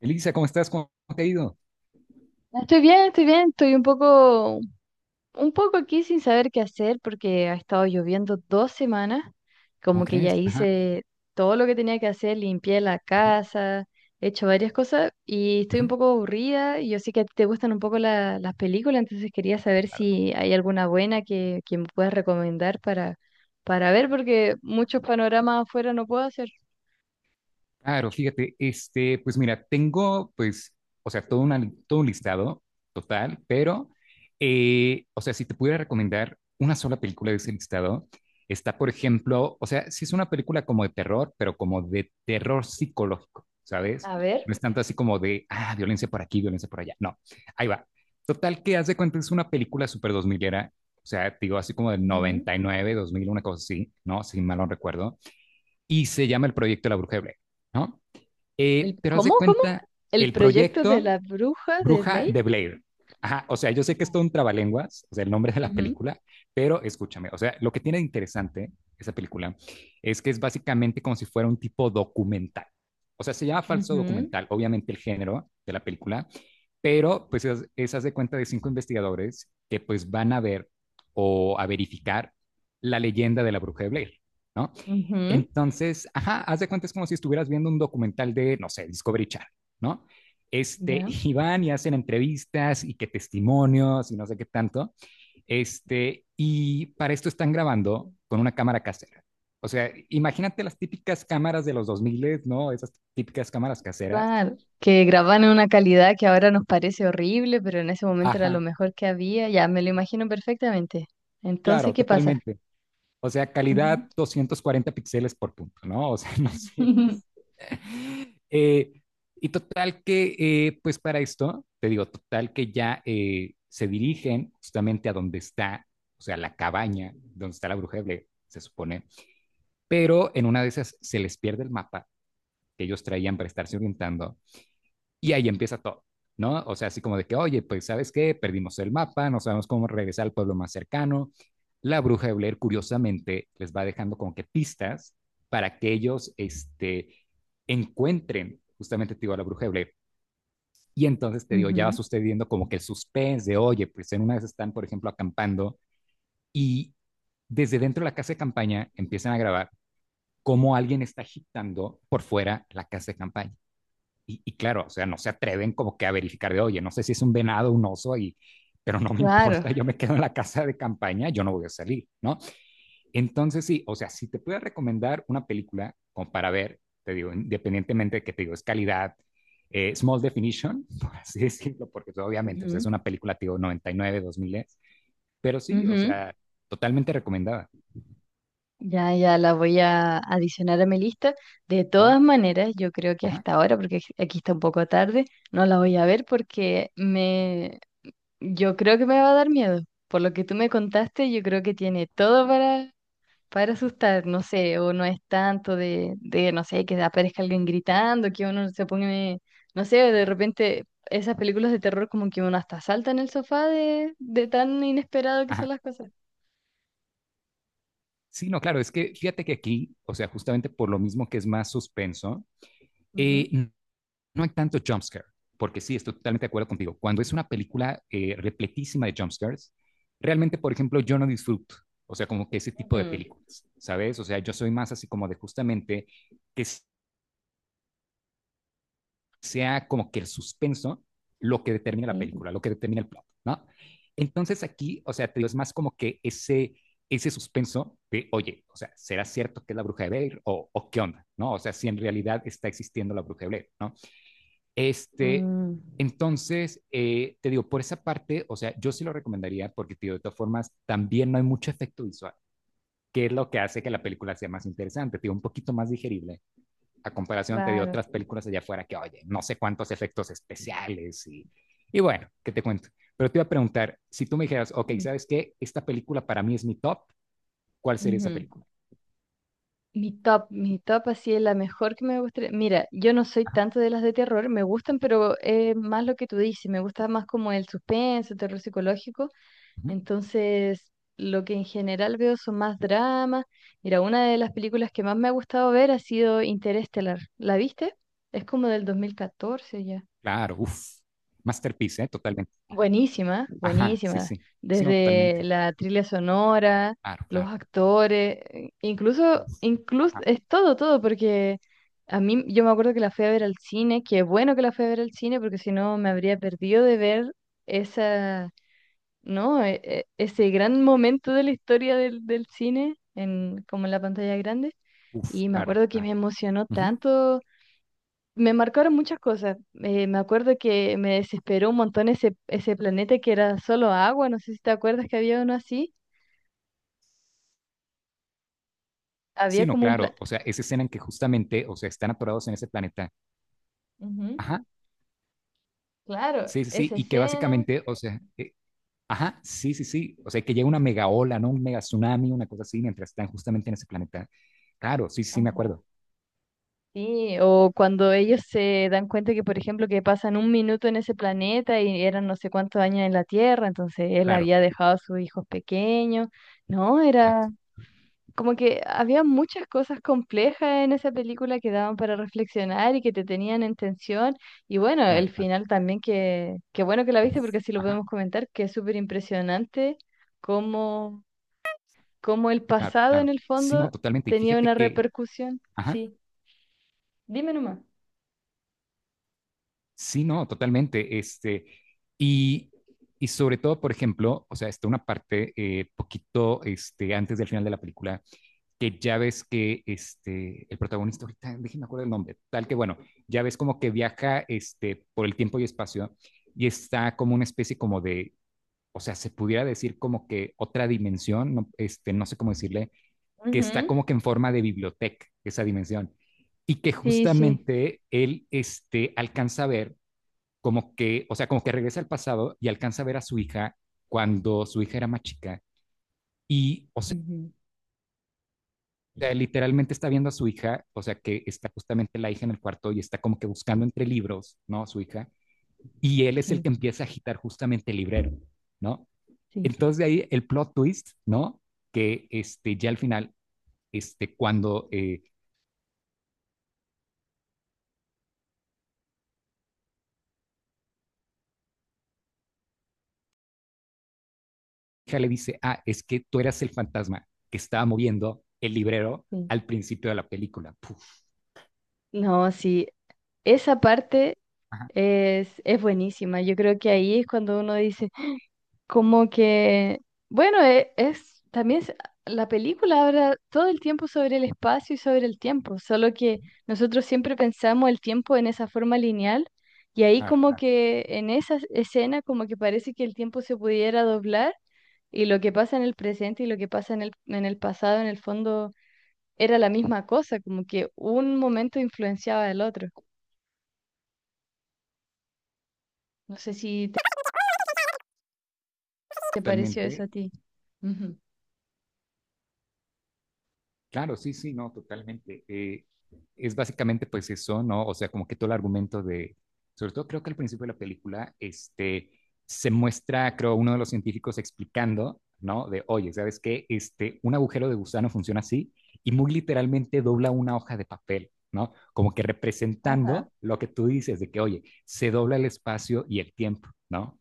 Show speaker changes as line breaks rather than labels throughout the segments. Elisa, ¿cómo estás? ¿Cómo te ha ido?
Estoy bien, estoy bien, estoy un poco aquí sin saber qué hacer porque ha estado lloviendo dos semanas,
¿Cómo
como que ya
crees? Ajá,
hice todo lo que tenía que hacer, limpié la
ajá,
casa, he hecho varias cosas y estoy un
ujú.
poco aburrida. Yo sé que a ti te gustan un poco las películas, entonces quería saber si hay alguna buena que me puedas recomendar para ver porque muchos panoramas afuera no puedo hacer.
Claro, fíjate, pues mira, tengo, pues, o sea, todo, todo un listado total, pero, o sea, si te pudiera recomendar una sola película de ese listado, está, por ejemplo, o sea, si es una película como de terror, pero como de terror psicológico, ¿sabes?
A ver,
No es tanto así como de, ah, violencia por aquí, violencia por allá. No, ahí va. Total, que haz de cuenta, es una película súper dos milera, o sea, te digo, así como del
ujú.
99, 2000, una cosa así, ¿no? Si mal no recuerdo. Y se llama El Proyecto de la Bruja de Blair, ¿no?
El,
Pero haz de
¿cómo, cómo?
cuenta,
¿El
el
proyecto de la
proyecto
bruja de
Bruja
Blake?
de Blair. Ajá, o sea, yo sé que es todo un trabalenguas, o sea, el nombre de la
Ujú.
película, pero escúchame, o sea, lo que tiene de interesante esa película es que es básicamente como si fuera un tipo documental. O sea, se llama falso
Ujú,
documental, obviamente el género de la película, pero pues es haz de cuenta de cinco investigadores que pues van a ver o a verificar la leyenda de la bruja de Blair, ¿no?
ujú.
Entonces, ajá, haz de cuenta es como si estuvieras viendo un documental de, no sé, Discovery Channel, ¿no?
Ya.
Y van y hacen entrevistas y que testimonios y no sé qué tanto. Y para esto están grabando con una cámara casera. O sea, imagínate las típicas cámaras de los 2000, ¿no? Esas típicas cámaras caseras.
Claro, que graban en una calidad que ahora nos parece horrible, pero en ese momento era lo
Ajá,
mejor que había, ya me lo imagino perfectamente. Entonces,
claro,
¿qué pasa?
totalmente. O sea,
Ujú.
calidad 240 píxeles por punto, ¿no? O sea, no sé, Eh, y total que, pues para esto, te digo, total que ya se dirigen justamente a donde está, o sea, la cabaña, donde está la bruja de Blair, se supone, pero en una de esas se les pierde el mapa que ellos traían para estarse orientando y ahí empieza todo. ¿No? O sea, así como de que, oye, pues, ¿sabes qué? Perdimos el mapa, no sabemos cómo regresar al pueblo más cercano, la bruja de Blair curiosamente les va dejando como que pistas para que ellos encuentren justamente te digo, a la bruja de Blair. Y entonces te digo, ya va
Ujú.
sucediendo como que el suspense de, oye, pues en una vez están, por ejemplo, acampando y desde dentro de la casa de campaña empiezan a grabar cómo alguien está agitando por fuera la casa de campaña. Y claro, o sea, no se atreven como que a verificar de, oye, no sé si es un venado, un oso, y, pero no me
Claro.
importa, yo me quedo en la casa de campaña, yo no voy a salir, ¿no? Entonces, sí, o sea, si te puedo recomendar una película como para ver, te digo, independientemente de que te digo, es calidad, small definition, por así decirlo, porque pues, obviamente pues,
Ujú,
es una película, te digo, 99, 2000, pero sí, o
ujú.
sea, totalmente recomendada.
Ya, ya la voy a adicionar a mi lista. De
Ajá,
todas maneras, yo creo que
ajá,
hasta ahora, porque aquí está un poco tarde, no la voy a ver porque yo creo que me va a dar miedo. Por lo que tú me contaste, yo creo que tiene todo para asustar, no sé, o no es tanto no sé, que aparezca alguien gritando, que uno se pone, no sé, de
ajá,
repente esas películas de terror como que uno hasta salta en el sofá de tan inesperado que son
ajá.
las cosas.
Sí, no, claro, es que fíjate que aquí, o sea, justamente por lo mismo que es más suspenso,
Ujú.
eh, no hay tanto jumpscare, porque sí, estoy totalmente de acuerdo contigo. Cuando es una película repletísima de jumpscares, realmente, por ejemplo, yo no disfruto, o sea, como que ese tipo de
Ujú.
películas, ¿sabes? O sea, yo soy más así como de justamente que sea como que el suspenso lo que determina la
Sí.
película, lo que determina el plot, ¿no? Entonces aquí, o sea, te digo, es más como que ese suspenso de, oye, o sea, ¿será cierto que es la bruja de Blair o qué onda? ¿No? O sea, si en realidad está existiendo la bruja de Blair, ¿no? Este,
Mm.
entonces, te digo, por esa parte, o sea, yo sí lo recomendaría porque, tío, de todas formas, también no hay mucho efecto visual, que es lo que hace que la película sea más interesante, tío, un poquito más digerible, a comparación, te digo,
Claro.
otras películas allá afuera que, oye, no sé cuántos efectos especiales y bueno, ¿qué te cuento? Pero te iba a preguntar, si tú me dijeras, ok,
Ujú,
¿sabes qué? Esta película para mí es mi top, ¿cuál sería esa
ujú.
película?
Mi top así es la mejor que me gustaría. Mira, yo no soy
Ajá,
tanto de las de terror, me gustan, pero es más lo que tú dices, me gusta más como el suspenso, terror psicológico.
ujú,
Entonces, lo que en general veo son más dramas. Mira, una de las películas que más me ha gustado ver ha sido Interestelar. ¿La viste? Es como del 2014 ya.
claro, uff, masterpiece, ¿eh? Totalmente.
Buenísima,
Ajá, sí,
buenísima.
sí, sí, no,
Desde
totalmente.
la trilla sonora,
Claro,
los
claro.
actores, incluso,
Uf,
incluso
ajá,
es todo, todo, porque a mí yo me acuerdo que la fui a ver al cine, que bueno que la fui a ver al cine, porque si no me habría perdido de ver esa, ¿no? Ese gran momento de la historia del cine, en, como en la pantalla grande.
uf,
Y me
claro,
acuerdo que me
claro.
emocionó
Ujú.
tanto, me marcaron muchas cosas. Me acuerdo que me desesperó un montón ese planeta que era solo agua, no sé si te acuerdas que había uno así.
Sí,
Había
no,
como un
claro,
planeta.
o sea, esa escena en que justamente, o sea, están atorados en ese planeta. Ajá,
Claro,
sí, sí, sí,
esa
y que
escena.
básicamente, o sea, ajá, sí, sí, sí, o sea, que llega una mega ola, ¿no? Un mega tsunami, una cosa así, mientras están justamente en ese planeta. Claro, sí, sí, sí, me
Ajá.
acuerdo,
Sí, o cuando ellos se dan cuenta que, por ejemplo, que pasan un minuto en ese planeta y eran no sé cuántos años en la Tierra, entonces él
claro,
había dejado a sus hijos pequeños. No,
exacto,
era como que había muchas cosas complejas en esa película que daban para reflexionar y que te tenían en tensión. Y bueno,
claro,
el
claro,
final también que bueno que la viste
uf,
porque así lo podemos
ajá,
comentar, que es súper impresionante cómo, cómo el
claro,
pasado en
claro.
el
Sí, no,
fondo
totalmente, y
tenía
fíjate
una
que,
repercusión.
ajá.
Sí, dime nomás.
Sí, no, totalmente. Y, y sobre todo, por ejemplo, o sea, está una parte poquito antes del final de la película, que ya ves que el protagonista, ahorita déjenme acuerdo el nombre, tal que bueno, ya ves como que viaja por el tiempo y espacio y está como una especie como de, o sea, se pudiera decir como que otra dimensión, no, no sé cómo decirle, que está
Ujú.
como que en forma de biblioteca, esa dimensión, y que
Sí, sí.
justamente él alcanza a ver como que, o sea, como que regresa al pasado y alcanza a ver a su hija cuando su hija era más chica. Y, o sea,
Ujú.
literalmente está viendo a su hija, o sea, que está justamente la hija en el cuarto y está como que buscando entre libros, ¿no? Su hija. Y él es el
Sí,
que empieza a agitar justamente el librero, ¿no?
sí,
Entonces de ahí el plot twist, ¿no? Que ya al final, cuando hija le dice, ah, es que tú eras el fantasma que estaba moviendo el librero al principio
sí.
de la película. Puf,
No, sí, esa parte
ajá,
es buenísima. Yo creo que ahí es cuando uno dice, como que, bueno, la película habla todo el tiempo sobre el espacio y sobre el tiempo, solo que nosotros siempre pensamos el tiempo en esa forma lineal y ahí como que en
claro,
esa
claro,
escena como que parece que el tiempo se pudiera doblar y lo que pasa en el presente y lo que pasa en el pasado en el fondo era la misma cosa, como que un momento influenciaba al otro. No sé si te, te pareció eso a
totalmente.
ti. Ujú.
Claro, sí, sí, no, totalmente. Es básicamente pues eso, ¿no? O sea, como que todo el argumento de, sobre todo creo que al principio de la película, se muestra, creo, uno de los científicos explicando, ¿no? De, oye, ¿sabes qué? Un agujero de gusano funciona así y muy literalmente dobla una hoja de papel, ¿no? Como que
Ajá.
representando lo que tú dices de que, oye, se dobla el espacio y el tiempo, ¿no?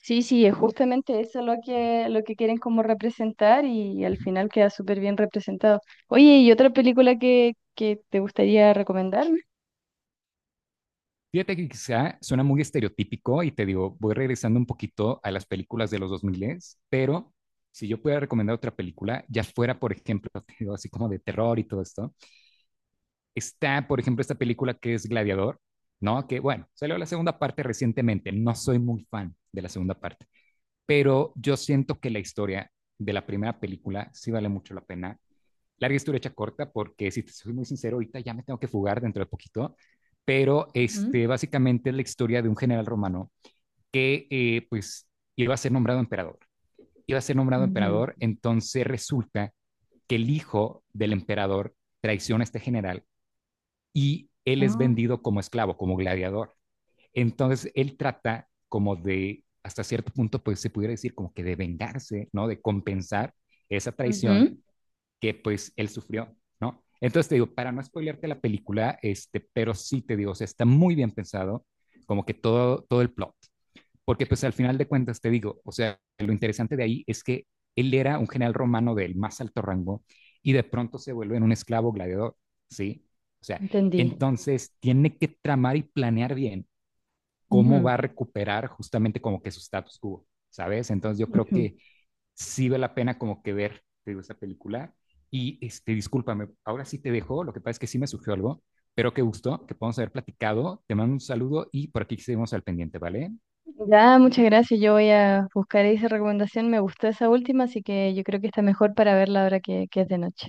Sí, sí, es justamente eso lo lo que quieren como representar y al final queda súper bien representado. Oye, ¿y otra película que te gustaría recomendarme?
Fíjate que quizá suena muy estereotípico y te digo, voy regresando un poquito a las películas de los 2000, pero si yo pudiera recomendar otra película, ya fuera, por ejemplo, te digo, así como de terror y todo esto, está, por ejemplo, esta película que es Gladiador, ¿no? Que bueno, salió la segunda parte recientemente, no soy muy fan de la segunda parte, pero yo siento que la historia de la primera película sí vale mucho la pena larga historia hecha corta, porque si te soy muy sincero, ahorita ya me tengo que fugar dentro de poquito, pero
Ujú,
básicamente es la historia de un general romano que pues iba a ser nombrado emperador. Iba a ser nombrado
ujú.
emperador, entonces resulta que el hijo del emperador traiciona a este general y él es
Ah.
vendido como esclavo, como gladiador. Entonces él trata como de, hasta cierto punto, pues se pudiera decir como que de vengarse, ¿no? De compensar esa traición
Ujú.
que pues él sufrió, ¿no? Entonces te digo, para no spoilearte la película, pero sí te digo, o sea, está muy bien pensado, como que todo, todo el plot, porque pues al final de cuentas te digo, o sea, lo interesante de ahí es que él era un general romano del más alto rango y de pronto se vuelve en un esclavo gladiador, ¿sí? O sea,
Entendí.
entonces tiene que tramar y planear bien cómo
Ujú,
va a recuperar justamente como que su status quo, ¿sabes? Entonces yo creo
ujú.
que sí vale la pena como que ver, te digo, esta película. Y discúlpame, ahora sí te dejo, lo que pasa es que sí me surgió algo, pero qué gusto que podamos haber platicado. Te mando un saludo y por aquí seguimos al pendiente, ¿vale?
Ya, muchas gracias. Yo voy a buscar esa recomendación. Me gustó esa última, así que yo creo que está mejor para verla ahora que es de noche.